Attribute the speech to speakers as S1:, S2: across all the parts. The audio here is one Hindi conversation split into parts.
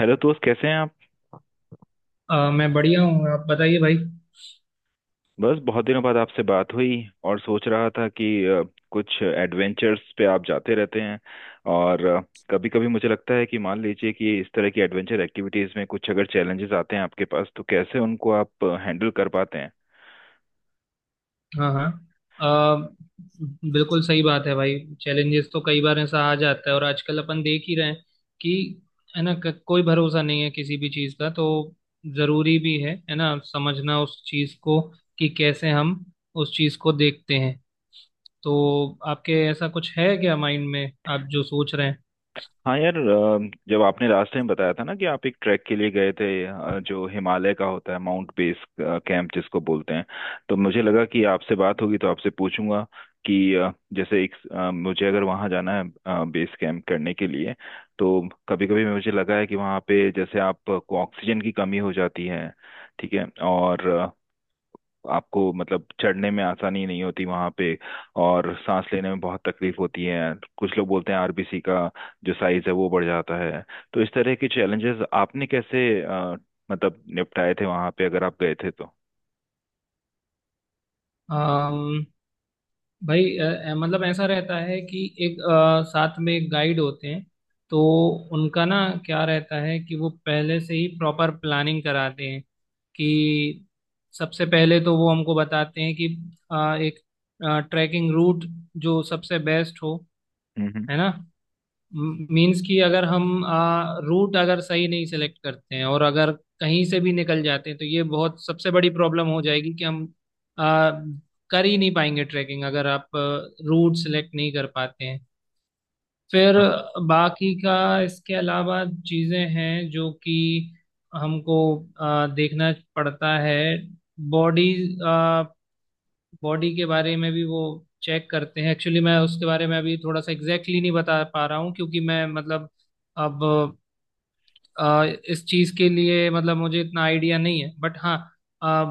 S1: हेलो दोस्त, कैसे हैं आप।
S2: मैं बढ़िया हूँ। आप बताइए भाई।
S1: बस बहुत दिनों बाद आपसे बात हुई और सोच रहा था कि कुछ एडवेंचर्स पे आप जाते रहते हैं। और कभी कभी मुझे लगता है कि मान लीजिए कि इस तरह की एडवेंचर एक्टिविटीज में कुछ अगर चैलेंजेस आते हैं आपके पास, तो कैसे उनको आप हैंडल कर पाते हैं।
S2: हाँ हाँ। अ, बिल्कुल सही बात है भाई। चैलेंजेस तो कई बार ऐसा आ जाता है, और आजकल अपन देख ही रहे हैं कि, है ना, कोई भरोसा नहीं है किसी भी चीज़ का। तो ज़रूरी भी है ना, समझना उस चीज़ को कि कैसे हम उस चीज़ को देखते हैं। तो आपके ऐसा कुछ है क्या माइंड में, आप जो सोच रहे
S1: हाँ यार, जब आपने रास्ते में बताया था ना कि आप एक ट्रैक के लिए गए थे, जो हिमालय का होता है माउंट बेस कैंप जिसको बोलते हैं, तो मुझे लगा कि आपसे बात होगी तो आपसे पूछूंगा कि जैसे एक, मुझे अगर वहाँ जाना है बेस कैंप करने के लिए, तो कभी कभी मुझे लगा है कि वहाँ पे जैसे आपको ऑक्सीजन की कमी हो जाती है, ठीक है, और आपको मतलब चढ़ने में आसानी नहीं होती वहां पे, और सांस लेने में बहुत तकलीफ होती है। कुछ लोग बोलते हैं आरबीसी का जो साइज है वो बढ़ जाता है। तो इस तरह के चैलेंजेस आपने कैसे मतलब निपटाए थे वहां पे, अगर आप गए थे तो?
S2: हैं भाई? मतलब ऐसा रहता है कि एक, साथ में गाइड होते हैं। तो उनका ना क्या रहता है कि वो पहले से ही प्रॉपर प्लानिंग कराते हैं कि सबसे पहले तो वो हमको बताते हैं कि एक ट्रैकिंग रूट जो सबसे बेस्ट हो,
S1: हम्म, हम्म,
S2: है ना। मीन्स कि अगर हम रूट अगर सही नहीं सेलेक्ट करते हैं और अगर कहीं से भी निकल जाते हैं तो ये बहुत सबसे बड़ी प्रॉब्लम हो जाएगी कि हम आ, कर ही नहीं पाएंगे ट्रैकिंग, अगर आप रूट सेलेक्ट नहीं कर पाते हैं। फिर बाकी का, इसके अलावा चीज़ें हैं जो कि हमको देखना पड़ता है। बॉडी बॉडी के बारे में भी वो चेक करते हैं। एक्चुअली मैं उसके बारे में अभी थोड़ा सा एग्जैक्टली exactly नहीं बता पा रहा हूँ, क्योंकि मैं मतलब, अब, आ, इस चीज के लिए मतलब मुझे इतना आइडिया नहीं है। बट हाँ,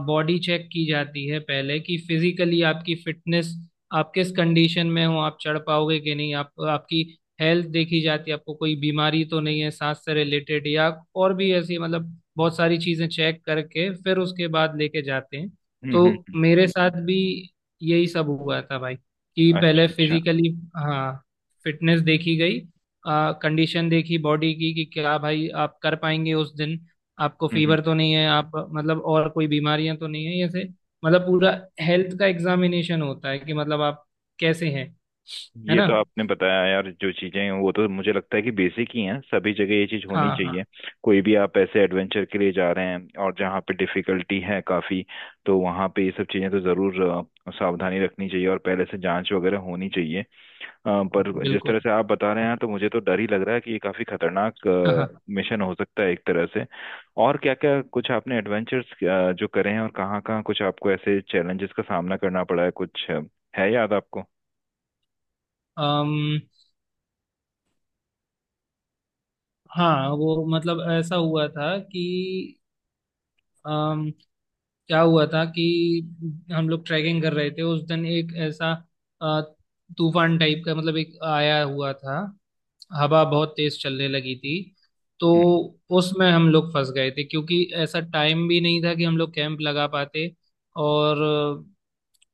S2: बॉडी चेक की जाती है पहले, कि फिजिकली आपकी फिटनेस, आप किस कंडीशन में हो, आप चढ़ पाओगे कि नहीं, आप आपकी हेल्थ देखी जाती है, आपको कोई बीमारी तो नहीं है सांस से रिलेटेड, या और भी ऐसी, मतलब बहुत सारी चीजें चेक करके फिर उसके बाद लेके जाते हैं।
S1: हम्म,
S2: तो
S1: हम्म।
S2: मेरे साथ भी यही सब हुआ था भाई, कि
S1: अच्छा,
S2: पहले
S1: अच्छा।
S2: फिजिकली, हाँ, फिटनेस देखी गई, कंडीशन देखी बॉडी की, कि क्या भाई आप कर पाएंगे उस दिन, आपको
S1: हम्म, हम्म।
S2: फीवर तो नहीं है, आप मतलब और कोई बीमारियां तो नहीं है जैसे, मतलब पूरा हेल्थ का एग्जामिनेशन होता है कि मतलब आप कैसे हैं। है
S1: ये
S2: ना।
S1: तो आपने बताया यार, जो चीजें हैं वो तो मुझे लगता है कि बेसिक ही हैं। सभी जगह ये चीज
S2: हाँ
S1: होनी
S2: हाँ।
S1: चाहिए। कोई भी आप ऐसे एडवेंचर के लिए जा रहे हैं और जहाँ पे डिफिकल्टी है काफी, तो वहाँ पे ये सब चीजें तो जरूर सावधानी रखनी चाहिए और पहले से जांच वगैरह होनी चाहिए। अ, पर जिस
S2: बिल्कुल।
S1: तरह से आप बता रहे हैं तो मुझे तो डर ही लग रहा है कि ये काफी खतरनाक
S2: हाँ हाँ।
S1: मिशन हो सकता है एक तरह से। और क्या क्या कुछ आपने एडवेंचर्स जो करे हैं और कहाँ कहाँ कुछ आपको ऐसे चैलेंजेस का सामना करना पड़ा है कुछ, है याद आपको?
S2: अम, हाँ वो मतलब ऐसा हुआ था कि, अम, क्या हुआ था कि हम लोग ट्रैकिंग कर रहे थे उस दिन। एक ऐसा अ, तूफान टाइप का, मतलब एक आया हुआ था। हवा बहुत तेज चलने लगी थी। तो
S1: हम्म,
S2: उसमें हम लोग फंस गए थे, क्योंकि ऐसा टाइम भी नहीं था कि हम लोग कैंप लगा पाते। और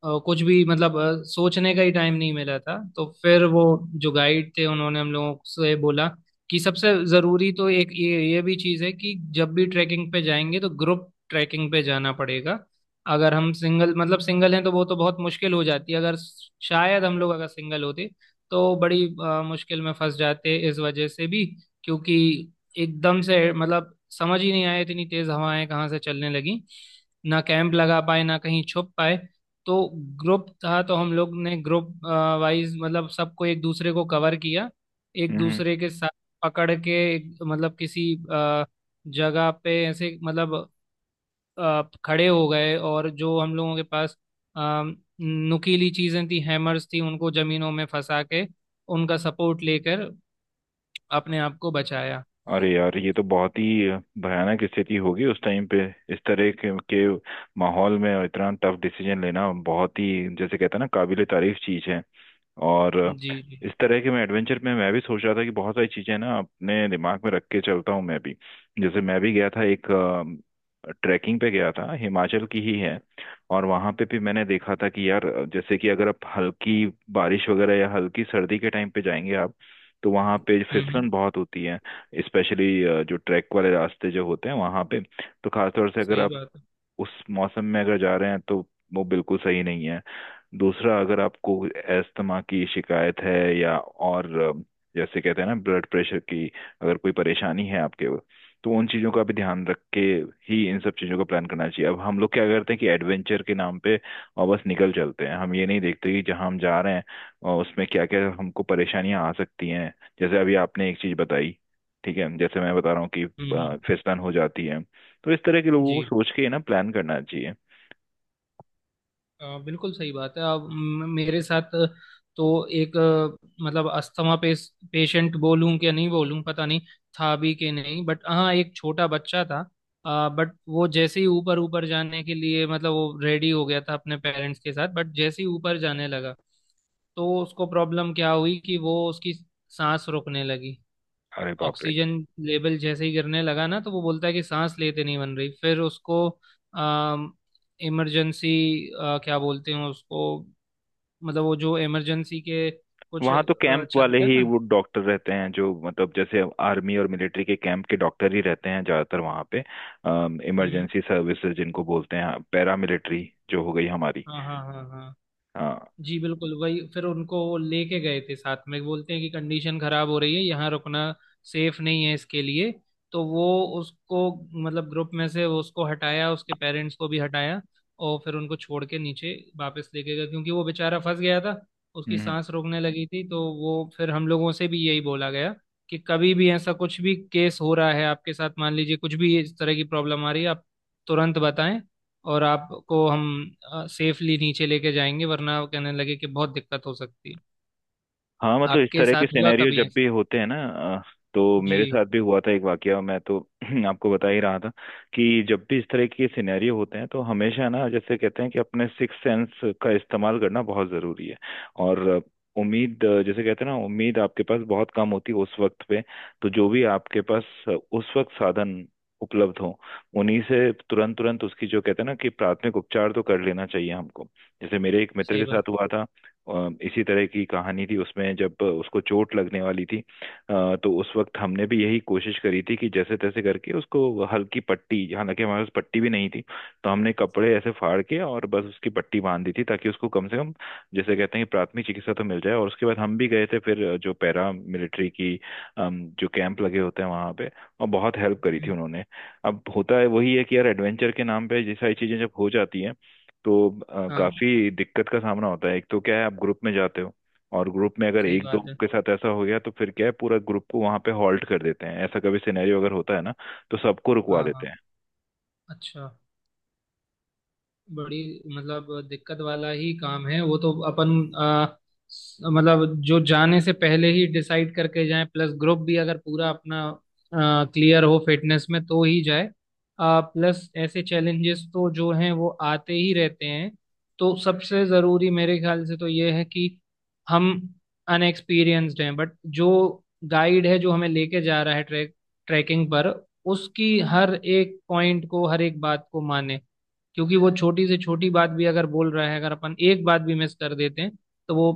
S2: कुछ भी मतलब सोचने का ही टाइम नहीं मिला था। तो फिर वो जो गाइड थे उन्होंने हम लोगों से बोला कि सबसे ज़रूरी तो एक ये भी चीज़ है कि जब भी ट्रैकिंग पे जाएंगे तो ग्रुप ट्रैकिंग पे जाना पड़ेगा। अगर हम सिंगल, मतलब सिंगल हैं, तो वो तो बहुत मुश्किल हो जाती है। अगर शायद हम लोग अगर सिंगल होते तो बड़ी मुश्किल में फंस जाते इस वजह से भी, क्योंकि एकदम से मतलब समझ ही नहीं आया, इतनी तेज़ हवाएं कहाँ से चलने लगी। ना कैंप लगा पाए, ना कहीं छुप पाए। तो ग्रुप था तो हम लोग ने ग्रुप वाइज, मतलब सबको एक दूसरे को कवर किया, एक
S1: हम्म।
S2: दूसरे के साथ पकड़ के, मतलब किसी जगह पे ऐसे मतलब खड़े हो गए। और जो हम लोगों के पास अ, नुकीली चीजें थी, हैमर्स थी, उनको जमीनों में फंसा के, उनका सपोर्ट लेकर अपने आप को बचाया।
S1: अरे यार, ये तो बहुत ही भयानक स्थिति होगी उस टाइम पे। इस तरह के माहौल में इतना टफ डिसीजन लेना बहुत ही, जैसे कहते हैं ना, काबिले तारीफ चीज है। और
S2: जी जी।
S1: इस तरह के मैं एडवेंचर में मैं भी सोच रहा था कि बहुत सारी चीजें ना अपने दिमाग में रख के चलता हूँ मैं भी। जैसे मैं भी गया था एक ट्रैकिंग पे, गया था हिमाचल की ही है। और वहां पे भी मैंने देखा था कि यार, जैसे कि अगर आप हल्की बारिश वगैरह या हल्की सर्दी के टाइम पे जाएंगे आप, तो वहां पे
S2: हम्म।
S1: फिसलन बहुत होती है। स्पेशली जो ट्रैक वाले रास्ते जो होते हैं वहां पे, तो खासतौर से अगर
S2: सही बात है।
S1: उस मौसम में अगर जा रहे हैं तो वो बिल्कुल सही नहीं है। दूसरा, अगर आपको अस्थमा की शिकायत है या और जैसे कहते हैं ना ब्लड प्रेशर की, अगर कोई परेशानी है आपके, तो उन चीज़ों का भी ध्यान रख के ही इन सब चीज़ों का प्लान करना चाहिए। अब हम लोग क्या करते हैं कि एडवेंचर के नाम पे और बस निकल चलते हैं। हम ये नहीं देखते कि जहाँ हम जा रहे हैं और उसमें क्या क्या हमको परेशानियां आ सकती हैं। जैसे अभी आपने एक चीज़ बताई, ठीक है, जैसे मैं बता रहा हूँ कि
S2: हम्म।
S1: फिसलन हो जाती है, तो इस तरह के लोगों को
S2: जी,
S1: सोच के ही ना प्लान करना चाहिए।
S2: बिल्कुल सही बात है। अब मेरे साथ तो एक, मतलब अस्थमा पेशेंट बोलूं कि नहीं बोलूं पता नहीं, था भी कि नहीं, बट हाँ, एक छोटा बच्चा था। बट वो जैसे ही ऊपर ऊपर जाने के लिए मतलब वो रेडी हो गया था अपने पेरेंट्स के साथ, बट जैसे ही ऊपर जाने लगा तो उसको प्रॉब्लम क्या हुई कि वो, उसकी सांस रुकने लगी।
S1: अरे बाप रे।
S2: ऑक्सीजन लेवल जैसे ही गिरने लगा ना, तो वो बोलता है कि सांस लेते नहीं बन रही। फिर उसको अम इमरजेंसी, क्या बोलते हैं उसको, मतलब वो जो इमरजेंसी के कुछ
S1: वहां तो कैंप वाले
S2: चलता है
S1: ही
S2: ना।
S1: वो डॉक्टर रहते हैं, जो मतलब जैसे आर्मी और मिलिट्री के कैंप के डॉक्टर ही रहते हैं ज्यादातर वहां पे।
S2: हम्म।
S1: इमरजेंसी सर्विसेज जिनको बोलते हैं, पैरा मिलिट्री जो हो गई हमारी।
S2: हाँ हाँ हाँ हाँ।
S1: हाँ।
S2: जी बिल्कुल वही। फिर उनको वो लेके गए थे साथ में, बोलते हैं कि कंडीशन खराब हो रही है, यहाँ रुकना सेफ नहीं है इसके लिए। तो वो उसको, मतलब ग्रुप में से वो उसको हटाया, उसके पेरेंट्स को भी हटाया, और फिर उनको छोड़ के नीचे वापस लेके गया, क्योंकि वो बेचारा फंस गया था, उसकी
S1: हम्म।
S2: सांस रोकने लगी थी। तो वो फिर हम लोगों से भी यही बोला गया कि कभी भी ऐसा कुछ भी केस हो रहा है आपके साथ, मान लीजिए कुछ भी इस तरह की प्रॉब्लम आ रही है आप, तुरंत बताएं। और आपको हम सेफली नीचे लेके जाएंगे, वरना वो कहने लगे कि बहुत दिक्कत हो सकती है।
S1: हाँ, मतलब इस
S2: आपके
S1: तरह
S2: साथ
S1: के
S2: हुआ
S1: सिनेरियो
S2: कभी
S1: जब
S2: ऐसा?
S1: भी होते हैं ना, अ, तो
S2: जी।
S1: मेरे साथ भी हुआ था एक वाकया, मैं तो आपको बता ही रहा था कि जब भी इस तरह के सिनेरियो होते हैं तो हमेशा ना, जैसे कहते हैं कि अपने सिक्स सेंस का इस्तेमाल करना बहुत जरूरी है। और उम्मीद, जैसे कहते हैं ना, उम्मीद आपके पास बहुत कम होती है उस वक्त पे, तो जो भी आपके पास उस वक्त साधन उपलब्ध हो उन्हीं से तुरंत तुरंत उसकी, जो कहते हैं ना कि प्राथमिक उपचार, तो कर लेना चाहिए हमको। जैसे मेरे एक मित्र
S2: सही
S1: के
S2: बात
S1: साथ हुआ था, इसी तरह की कहानी थी उसमें। जब उसको चोट लगने वाली थी तो उस वक्त हमने भी यही कोशिश करी थी कि जैसे तैसे करके उसको हल्की पट्टी, हालांकि हमारे पास पट्टी भी नहीं थी, तो हमने कपड़े ऐसे फाड़ के और बस उसकी पट्टी बांध दी थी, ताकि उसको कम से कम, जैसे कहते हैं कि, प्राथमिक चिकित्सा तो मिल जाए। और उसके बाद हम भी गए थे फिर जो पैरा मिलिट्री की जो कैंप लगे होते हैं वहां पे, और बहुत हेल्प करी
S2: है।
S1: थी उन्होंने। अब होता है वही है कि यार एडवेंचर के नाम पे ये सारी चीजें जब हो जाती हैं, तो
S2: हाँ,
S1: काफी दिक्कत का सामना होता है। एक तो क्या है, आप ग्रुप में जाते हो और ग्रुप में अगर
S2: सही
S1: एक दो
S2: बात है।
S1: के साथ ऐसा हो गया तो फिर क्या है, पूरा ग्रुप को वहां पे हॉल्ट कर देते हैं। ऐसा कभी सिनेरियो अगर होता है ना, तो सबको रुकवा
S2: हाँ हाँ।
S1: देते हैं।
S2: अच्छा, बड़ी मतलब दिक्कत वाला ही काम है वो तो। अपन, अ, मतलब जो जाने से पहले ही डिसाइड करके जाए, प्लस ग्रुप भी अगर पूरा अपना क्लियर हो फिटनेस में तो ही जाए। प्लस ऐसे चैलेंजेस तो जो हैं वो आते ही रहते हैं। तो सबसे ज़रूरी मेरे ख्याल से तो ये है कि हम अनएक्सपीरियंस्ड हैं, बट जो गाइड है जो हमें लेके जा रहा है ट्रैकिंग पर, उसकी हर एक पॉइंट को, हर एक बात को माने। क्योंकि वो छोटी से छोटी बात भी अगर बोल रहा है, अगर अपन एक बात भी मिस कर देते हैं, तो वो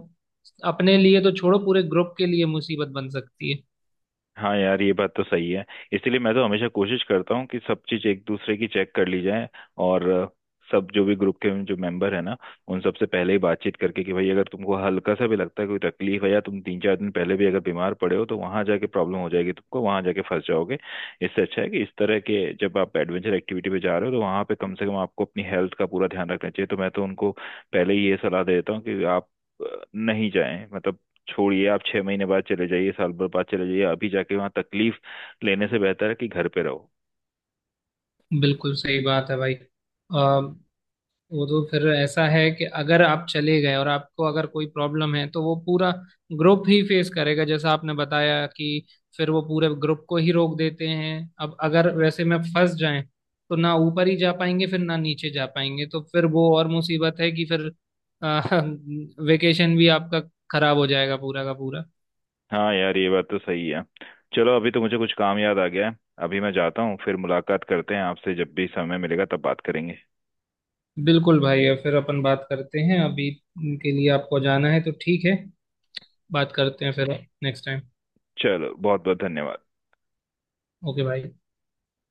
S2: अपने लिए तो छोड़ो, पूरे ग्रुप के लिए मुसीबत बन सकती है।
S1: हाँ यार, ये बात तो सही है। इसलिए मैं तो हमेशा कोशिश करता हूँ कि सब चीज एक दूसरे की चेक कर ली जाए। और सब जो भी ग्रुप के जो मेंबर है ना, उन सबसे पहले ही बातचीत करके कि भाई, अगर तुमको हल्का सा भी लगता है कोई तकलीफ है, या तुम 3 4 दिन पहले भी अगर बीमार पड़े हो, तो वहां जाके प्रॉब्लम हो जाएगी, तुमको वहां जाके फंस जाओगे। इससे अच्छा है कि इस तरह के जब आप एडवेंचर एक्टिविटी पे जा रहे हो तो वहां पे कम से कम आपको अपनी हेल्थ का पूरा ध्यान रखना चाहिए। तो मैं तो उनको पहले ही ये सलाह दे देता हूँ कि आप नहीं जाएं मतलब, छोड़िए, आप 6 महीने बाद चले जाइए, साल भर बाद चले जाइए, अभी जाके वहां तकलीफ लेने से बेहतर है कि घर पे रहो।
S2: बिल्कुल सही बात है भाई। वो तो फिर ऐसा है कि अगर आप चले गए और आपको अगर कोई प्रॉब्लम है, तो वो पूरा ग्रुप ही फेस करेगा, जैसा आपने बताया कि फिर वो पूरे ग्रुप को ही रोक देते हैं। अब अगर वैसे में फंस जाएं तो ना ऊपर ही जा पाएंगे फिर, ना नीचे जा पाएंगे, तो फिर वो और मुसीबत है कि फिर वेकेशन भी आपका खराब हो जाएगा पूरा का पूरा।
S1: हाँ यार, ये बात तो सही है। चलो, अभी तो मुझे कुछ काम याद आ गया है, अभी मैं जाता हूँ। फिर मुलाकात करते हैं आपसे, जब भी समय मिलेगा तब बात करेंगे।
S2: बिल्कुल भाई। अब फिर अपन बात करते हैं। अभी के लिए आपको जाना है तो ठीक है, बात करते हैं फिर नेक्स्ट टाइम।
S1: चलो, बहुत बहुत धन्यवाद।
S2: ओके भाई।